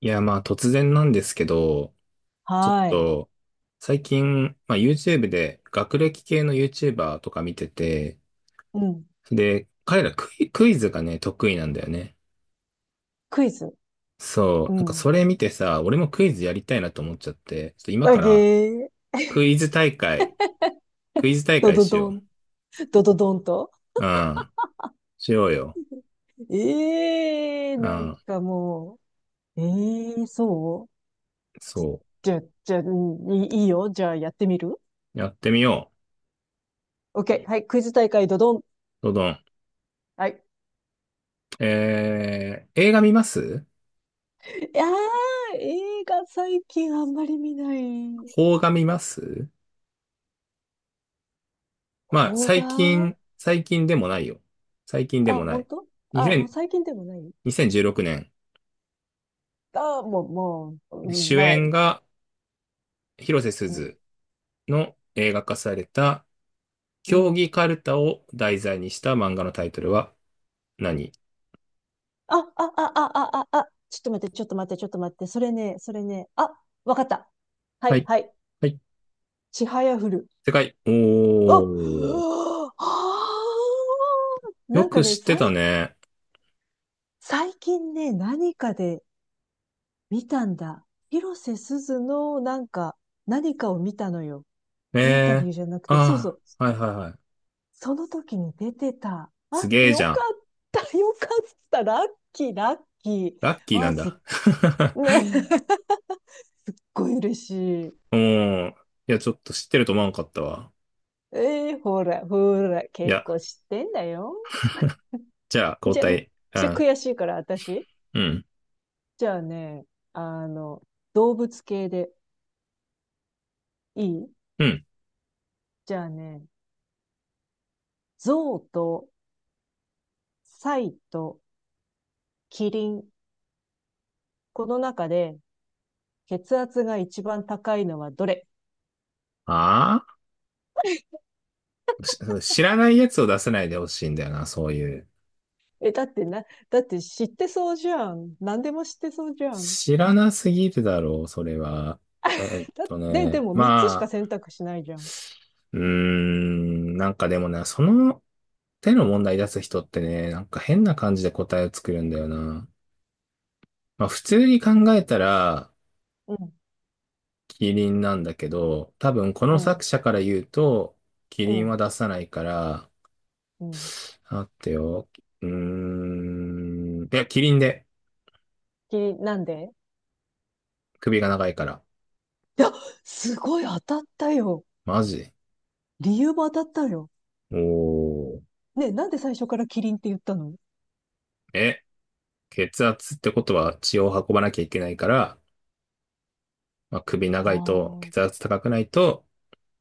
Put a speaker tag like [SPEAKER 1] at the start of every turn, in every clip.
[SPEAKER 1] いや、まあ突然なんですけど、ちょっ
[SPEAKER 2] はい。
[SPEAKER 1] と最近、まあ YouTube で学歴系の YouTuber とか見てて、
[SPEAKER 2] うん。
[SPEAKER 1] で、彼らクイズがね、得意なんだよね。
[SPEAKER 2] クイズ。
[SPEAKER 1] そう、
[SPEAKER 2] う
[SPEAKER 1] なんかそ
[SPEAKER 2] ん。
[SPEAKER 1] れ見てさ、俺もクイズやりたいなと思っちゃって、ちょっと今
[SPEAKER 2] あ
[SPEAKER 1] か
[SPEAKER 2] げ
[SPEAKER 1] ら
[SPEAKER 2] ー。
[SPEAKER 1] クイズ大会、クイズ大
[SPEAKER 2] ド
[SPEAKER 1] 会
[SPEAKER 2] ド
[SPEAKER 1] し
[SPEAKER 2] ド
[SPEAKER 1] よ
[SPEAKER 2] ン。ドドドンと。
[SPEAKER 1] う。うん、しようよ。
[SPEAKER 2] ええー、
[SPEAKER 1] う
[SPEAKER 2] なん
[SPEAKER 1] ん、
[SPEAKER 2] かもう。ええー、そう
[SPEAKER 1] そ
[SPEAKER 2] じゃ、じゃ、いいよ。じゃあやってみる
[SPEAKER 1] う。やってみよ
[SPEAKER 2] ?OK。はい。クイズ大会ドドン。
[SPEAKER 1] う。どどん。
[SPEAKER 2] はい。
[SPEAKER 1] 映画見ます？
[SPEAKER 2] いやー、映画最近あんまり見ない
[SPEAKER 1] 邦画見ます？まあ、
[SPEAKER 2] 方が、
[SPEAKER 1] 最近でもないよ。最近で
[SPEAKER 2] あ、
[SPEAKER 1] もな
[SPEAKER 2] 本
[SPEAKER 1] い。
[SPEAKER 2] 当あ、もう
[SPEAKER 1] 2000
[SPEAKER 2] 最近でもない、
[SPEAKER 1] 2016年、にせんじゅうろくね
[SPEAKER 2] あ、もう、もう、
[SPEAKER 1] ん主
[SPEAKER 2] まあ、
[SPEAKER 1] 演が広瀬す
[SPEAKER 2] うん、
[SPEAKER 1] ずの映画化された、
[SPEAKER 2] う
[SPEAKER 1] 競
[SPEAKER 2] ん、
[SPEAKER 1] 技カルタを題材にした漫画のタイトルは何？
[SPEAKER 2] ちょっと待って、それね、あ、わかった。は
[SPEAKER 1] は
[SPEAKER 2] い、
[SPEAKER 1] い。
[SPEAKER 2] はい。
[SPEAKER 1] はい。
[SPEAKER 2] ちはやふる。
[SPEAKER 1] 正解。お
[SPEAKER 2] あ、
[SPEAKER 1] ー。
[SPEAKER 2] はあ、
[SPEAKER 1] よ
[SPEAKER 2] なんか
[SPEAKER 1] く
[SPEAKER 2] ね、
[SPEAKER 1] 知ってたね。
[SPEAKER 2] 最近ね、何かで見たんだ。広瀬すずの、なんか、何かを見たのよ。インタ
[SPEAKER 1] え
[SPEAKER 2] ビュ
[SPEAKER 1] ー
[SPEAKER 2] ーじゃなくて、そうそ
[SPEAKER 1] あ
[SPEAKER 2] う。
[SPEAKER 1] あ、はいはいはい。
[SPEAKER 2] その時に出てた。
[SPEAKER 1] す
[SPEAKER 2] あ、
[SPEAKER 1] げえじゃん。
[SPEAKER 2] よかった。ラッキー、ラッキー。
[SPEAKER 1] ラッキーな
[SPEAKER 2] あ、
[SPEAKER 1] ん
[SPEAKER 2] すっ、
[SPEAKER 1] だ。
[SPEAKER 2] ね、す っごい嬉しい。
[SPEAKER 1] うん。いや、ちょっと知ってると思わんかったわ。
[SPEAKER 2] えー、ほら、
[SPEAKER 1] い
[SPEAKER 2] 結
[SPEAKER 1] や、
[SPEAKER 2] 構知ってんだよ。
[SPEAKER 1] じゃあ、交
[SPEAKER 2] じゃ、
[SPEAKER 1] 代。う
[SPEAKER 2] ちょ、
[SPEAKER 1] ん。
[SPEAKER 2] 悔しいから、私。
[SPEAKER 1] うん。
[SPEAKER 2] じゃあね、あの、動物系でいい。
[SPEAKER 1] うん。
[SPEAKER 2] じゃあね、象とサイとキリン。この中で血圧が一番高いのはどれ？
[SPEAKER 1] ああ、知らないやつを出せないでほしいんだよな、そういう。
[SPEAKER 2] え、だってな、だって知ってそうじゃん。何でも知ってそうじゃん。
[SPEAKER 1] 知らなすぎるだろう、それは。
[SPEAKER 2] でも3つしか
[SPEAKER 1] まあ、
[SPEAKER 2] 選択しないじゃん。
[SPEAKER 1] なんかでもね、その手の問題出す人ってね、なんか変な感じで答えを作るんだよな。まあ普通に考えたら、
[SPEAKER 2] うん、
[SPEAKER 1] キリンなんだけど、多分こ
[SPEAKER 2] う
[SPEAKER 1] の作
[SPEAKER 2] ん、
[SPEAKER 1] 者から言うと、キ
[SPEAKER 2] う
[SPEAKER 1] リン
[SPEAKER 2] ん、
[SPEAKER 1] は出さないから、
[SPEAKER 2] うん。
[SPEAKER 1] 待ってよ。うーいや、キリンで、
[SPEAKER 2] キリン、なんで？
[SPEAKER 1] 首が長いから。
[SPEAKER 2] いや、すごい当たったよ。
[SPEAKER 1] マジ？
[SPEAKER 2] 理由も当たったよ。
[SPEAKER 1] おー。
[SPEAKER 2] ね、なんで最初からキリンって言ったの？
[SPEAKER 1] え、血圧ってことは血を運ばなきゃいけないから、まあ、首
[SPEAKER 2] あ
[SPEAKER 1] 長いと血
[SPEAKER 2] あ、
[SPEAKER 1] 圧高くないと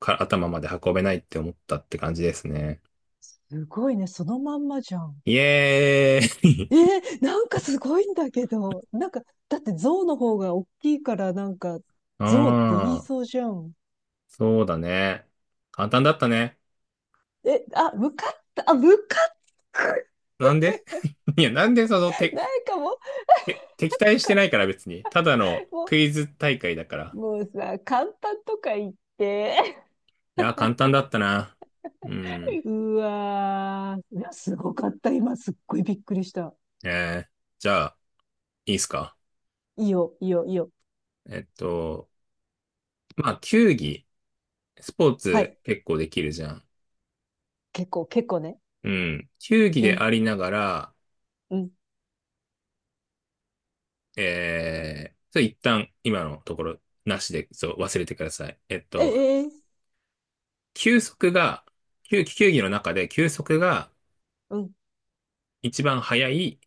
[SPEAKER 1] か頭まで運べないって思ったって感じですね。
[SPEAKER 2] すごいね。そのまんまじゃん。
[SPEAKER 1] イエーイ
[SPEAKER 2] えー、なんかすごいんだけど。なんか、だって象の方が大きいからなんか、象って言い
[SPEAKER 1] ああ、
[SPEAKER 2] そうじゃん。
[SPEAKER 1] そうだね。簡単だったね。
[SPEAKER 2] え、あ、向かった、あ、向かった
[SPEAKER 1] なんで？ いや、なんでその、
[SPEAKER 2] なんかもう、
[SPEAKER 1] 敵対して
[SPEAKER 2] か、
[SPEAKER 1] ないから別に。ただの
[SPEAKER 2] も
[SPEAKER 1] クイズ大会だか
[SPEAKER 2] う、
[SPEAKER 1] ら。
[SPEAKER 2] もうさ、簡単とか言って。
[SPEAKER 1] いや、簡単だったな。うん。
[SPEAKER 2] うわー。いや、すごかった。今、すっごいびっくりした。
[SPEAKER 1] えー、じゃあ、いいっすか。
[SPEAKER 2] いいよ、いいよ、いいよ。
[SPEAKER 1] えっと、まあ、球技。スポー
[SPEAKER 2] は
[SPEAKER 1] ツ
[SPEAKER 2] い。
[SPEAKER 1] 結構できるじゃん。
[SPEAKER 2] 結構、結構ね。
[SPEAKER 1] うん。球技
[SPEAKER 2] う
[SPEAKER 1] で
[SPEAKER 2] ん、
[SPEAKER 1] ありながら、
[SPEAKER 2] うん。
[SPEAKER 1] それ一旦今のところなしで、そう、忘れてください。
[SPEAKER 2] え、えー
[SPEAKER 1] 球速が、球技の中で球速が
[SPEAKER 2] うん。
[SPEAKER 1] 一番速い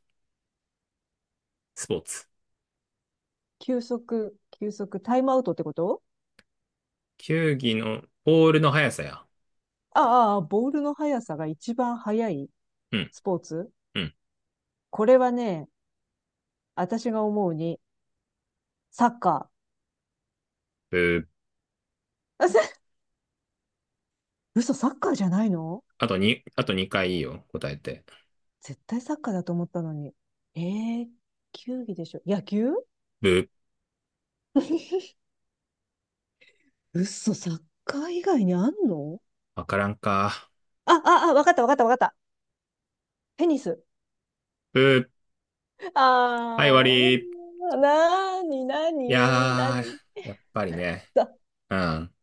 [SPEAKER 1] スポーツ。
[SPEAKER 2] 球速、タイムアウトってこと？
[SPEAKER 1] 球技のボールの速さや。
[SPEAKER 2] ああ、ああボールの速さが一番速い
[SPEAKER 1] うん、
[SPEAKER 2] スポーツ。
[SPEAKER 1] うん。
[SPEAKER 2] これはね、私が思うに、サッカ
[SPEAKER 1] ブー。
[SPEAKER 2] ー。あせ嘘、サッカーじゃないの？
[SPEAKER 1] あとに、あと2回いいいよ、答えて。
[SPEAKER 2] 絶対サッカーだと思ったのに。えー球技でしょ。野球？
[SPEAKER 1] ブー。
[SPEAKER 2] 嘘、サッカー以外にあんの？
[SPEAKER 1] わからんか。
[SPEAKER 2] あ、わかったわかったわかった。テニス。
[SPEAKER 1] ブー。はい、終わ
[SPEAKER 2] あ
[SPEAKER 1] り。
[SPEAKER 2] ー、なーにな
[SPEAKER 1] い
[SPEAKER 2] にな
[SPEAKER 1] や
[SPEAKER 2] に。
[SPEAKER 1] ー、やっぱりね、
[SPEAKER 2] だ、
[SPEAKER 1] うん、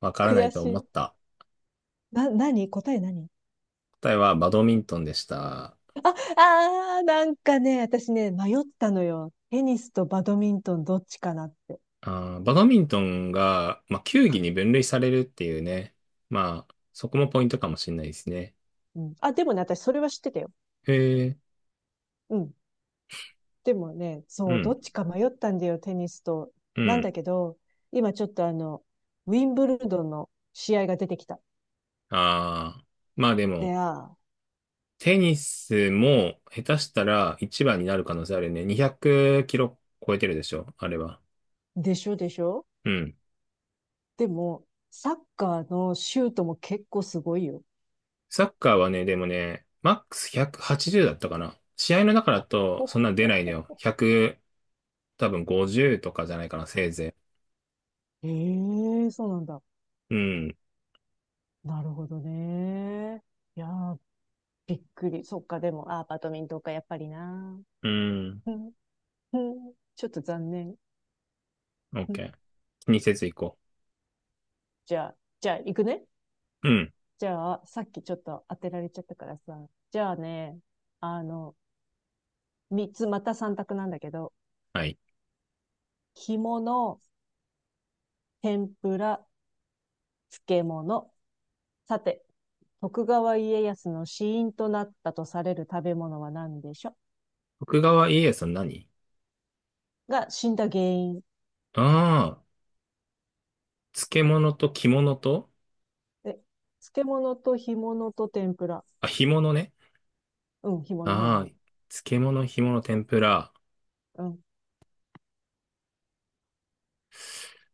[SPEAKER 1] わからな
[SPEAKER 2] 悔
[SPEAKER 1] いと
[SPEAKER 2] し
[SPEAKER 1] 思っ
[SPEAKER 2] い。
[SPEAKER 1] た。
[SPEAKER 2] な、なに答え何？
[SPEAKER 1] 答えはバドミントンでした。
[SPEAKER 2] ああ、なんかね、私ね、迷ったのよ。テニスとバドミントンどっちかなって。
[SPEAKER 1] あー、バドミントンが、まあ、球技に分類されるっていうね。まあ、そこもポイントかもしれないですね。
[SPEAKER 2] うん。あ、でもね、私それは知ってたよ。
[SPEAKER 1] へえ、
[SPEAKER 2] うん。でもね、
[SPEAKER 1] う
[SPEAKER 2] そう、ど
[SPEAKER 1] ん、
[SPEAKER 2] っちか迷ったんだよ、テニスと。
[SPEAKER 1] う
[SPEAKER 2] なん
[SPEAKER 1] ん。
[SPEAKER 2] だけど、今ちょっとウィンブルドンの試合が出てきた。
[SPEAKER 1] ああ、まあで
[SPEAKER 2] で、
[SPEAKER 1] も、
[SPEAKER 2] あ
[SPEAKER 1] テニスも下手したら一番になる可能性あるね。200キロ超えてるでしょ、あれは。
[SPEAKER 2] ーでしょでしょ。
[SPEAKER 1] うん。
[SPEAKER 2] でも、サッカーのシュートも結構すごいよ。
[SPEAKER 1] サッカーはね、でもね、マックス180だったかな。試合の中だと
[SPEAKER 2] ほ
[SPEAKER 1] そんな出ないの
[SPEAKER 2] ほ
[SPEAKER 1] よ。100、多分50とかじゃないかな、せいぜ
[SPEAKER 2] ええー、そうなんだ。
[SPEAKER 1] い。うん。
[SPEAKER 2] なるほどね。いやーびっくり。そっか、でも、あー、バドミントンか、やっぱりな。
[SPEAKER 1] うん。
[SPEAKER 2] うんうんちょっと残念。うん
[SPEAKER 1] OK。気にせず行こ
[SPEAKER 2] じゃあ、じゃあ、行くね。
[SPEAKER 1] う。うん。
[SPEAKER 2] じゃあ、さっきちょっと当てられちゃったからさ。じゃあね、あの、三つ、また三択なんだけど、
[SPEAKER 1] はい。
[SPEAKER 2] 干物、天ぷら、漬物。さて、徳川家康の死因となったとされる食べ物は何でしょ
[SPEAKER 1] 徳川家康の何？
[SPEAKER 2] う？が死んだ原因。
[SPEAKER 1] ああー、漬物と着物と、
[SPEAKER 2] え、漬物と干物と天ぷら。
[SPEAKER 1] あ、干物ね。
[SPEAKER 2] うん、干
[SPEAKER 1] ああ、
[SPEAKER 2] 物。
[SPEAKER 1] 漬物、干物、天ぷら。
[SPEAKER 2] うん。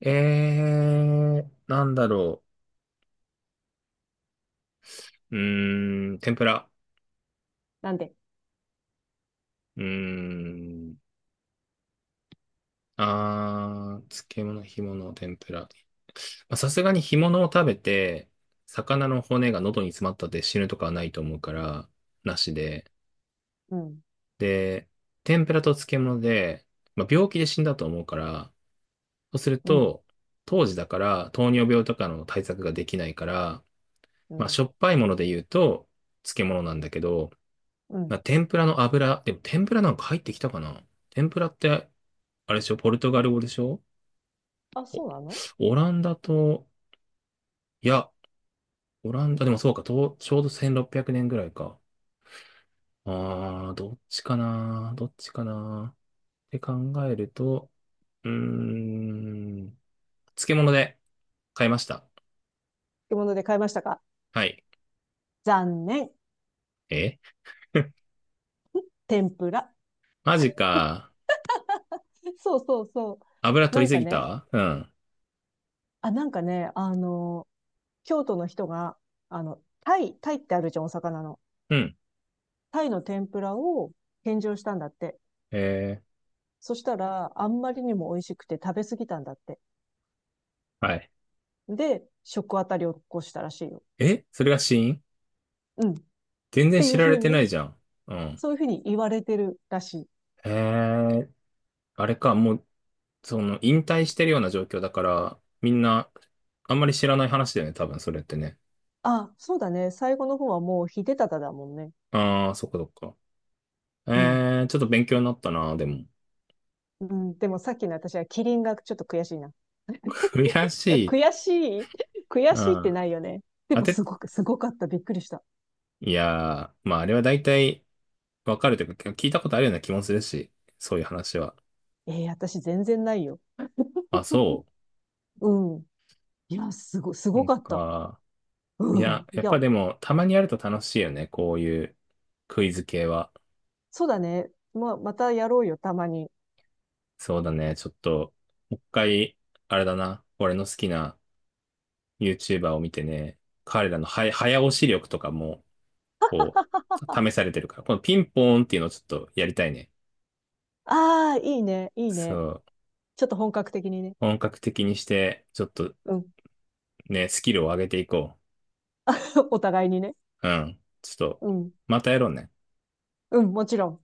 [SPEAKER 1] なんだろう？天ぷら。
[SPEAKER 2] なんで？
[SPEAKER 1] うーん。ああ、漬物、干物、天ぷら。まあさすがに干物を食べて、魚の骨が喉に詰まったって死ぬとかはないと思うから、なしで。
[SPEAKER 2] うん、
[SPEAKER 1] で、天ぷらと漬物で、まあ、病気で死んだと思うから、そうする
[SPEAKER 2] うん。
[SPEAKER 1] と、当時だから糖尿病とかの対策ができないから、
[SPEAKER 2] う
[SPEAKER 1] まあ、
[SPEAKER 2] ん。
[SPEAKER 1] しょっぱいもので言うと漬物なんだけど、
[SPEAKER 2] う
[SPEAKER 1] まあ、
[SPEAKER 2] ん。
[SPEAKER 1] 天ぷらの油、でも天ぷらなんか入ってきたかな？天ぷらって、あれでしょ？ポルトガル語でしょ？
[SPEAKER 2] あ、そうなの？
[SPEAKER 1] オランダと、いや、オランダでもそうか、とちょうど1600年ぐらいか。どっちかなどっちかなって考えると、うーん。漬物で買いました。
[SPEAKER 2] 漬物で買いましたか？
[SPEAKER 1] はい。
[SPEAKER 2] 残念。
[SPEAKER 1] え？
[SPEAKER 2] 天ぷら。
[SPEAKER 1] マジか。
[SPEAKER 2] そうそうそ
[SPEAKER 1] 油
[SPEAKER 2] う。な
[SPEAKER 1] 取り
[SPEAKER 2] ん
[SPEAKER 1] す
[SPEAKER 2] か
[SPEAKER 1] ぎ
[SPEAKER 2] ね、
[SPEAKER 1] た。うん。
[SPEAKER 2] あ、なんかね、あの、京都の人が、あの、タイってあるじゃん、お魚の。
[SPEAKER 1] うん。
[SPEAKER 2] タイの天ぷらを献上したんだって。
[SPEAKER 1] え
[SPEAKER 2] そしたら、あんまりにも美味しくて食べ過ぎたんだって。
[SPEAKER 1] はい。
[SPEAKER 2] で、食あたりを起こしたらしいよ。
[SPEAKER 1] え、それが死因？
[SPEAKER 2] うん。っ
[SPEAKER 1] 全然
[SPEAKER 2] てい
[SPEAKER 1] 知
[SPEAKER 2] うふ
[SPEAKER 1] ら
[SPEAKER 2] う
[SPEAKER 1] れてない
[SPEAKER 2] に、
[SPEAKER 1] じゃん。うん。
[SPEAKER 2] そういうふうに言われてるらしい。
[SPEAKER 1] えー、あれか、もう、その、引退してるような状況だから、みんな、あんまり知らない話だよね、多分それってね。
[SPEAKER 2] あ、そうだね。最後の方はもう秀忠だもんね。
[SPEAKER 1] ああ、そっかそっか。
[SPEAKER 2] うん。
[SPEAKER 1] ちょっと勉強になったな、でも。
[SPEAKER 2] うん、でもさっきの私はキリンがちょっと悔しいな。
[SPEAKER 1] 悔 しい。
[SPEAKER 2] 悔しい悔
[SPEAKER 1] う
[SPEAKER 2] しいって
[SPEAKER 1] ん。
[SPEAKER 2] ないよね。で
[SPEAKER 1] 当
[SPEAKER 2] も
[SPEAKER 1] て、
[SPEAKER 2] すごく、すごかった。びっくりした。
[SPEAKER 1] いやー、まああれは大体、わかるというか、聞いたことあるような気もするし、そういう話は。
[SPEAKER 2] えー、私全然ないよ。
[SPEAKER 1] あ、そ
[SPEAKER 2] うん。いや、す
[SPEAKER 1] う。な
[SPEAKER 2] ご
[SPEAKER 1] ん
[SPEAKER 2] かった。
[SPEAKER 1] か、い
[SPEAKER 2] う
[SPEAKER 1] や、
[SPEAKER 2] ん。い
[SPEAKER 1] やっ
[SPEAKER 2] や、
[SPEAKER 1] ぱでも、たまにやると楽しいよね、こういうクイズ系は。
[SPEAKER 2] そうだね。まあ、またやろうよ、たまに。
[SPEAKER 1] そうだね、ちょっと、もう一回、あれだな、俺の好きな YouTuber を見てね、彼らのは早押し力とかも、こう、試されてるから、このピンポーンっていうのをちょっとやりたいね。
[SPEAKER 2] ああ、いいね、いい
[SPEAKER 1] そ
[SPEAKER 2] ね。
[SPEAKER 1] う。
[SPEAKER 2] ちょっと本格的にね。
[SPEAKER 1] 本格的にして、ちょっと
[SPEAKER 2] うん。
[SPEAKER 1] ね、スキルを上げていこ
[SPEAKER 2] お互いにね。
[SPEAKER 1] う。うん。ちょっと、
[SPEAKER 2] うん。
[SPEAKER 1] またやろうね。
[SPEAKER 2] うん、もちろん。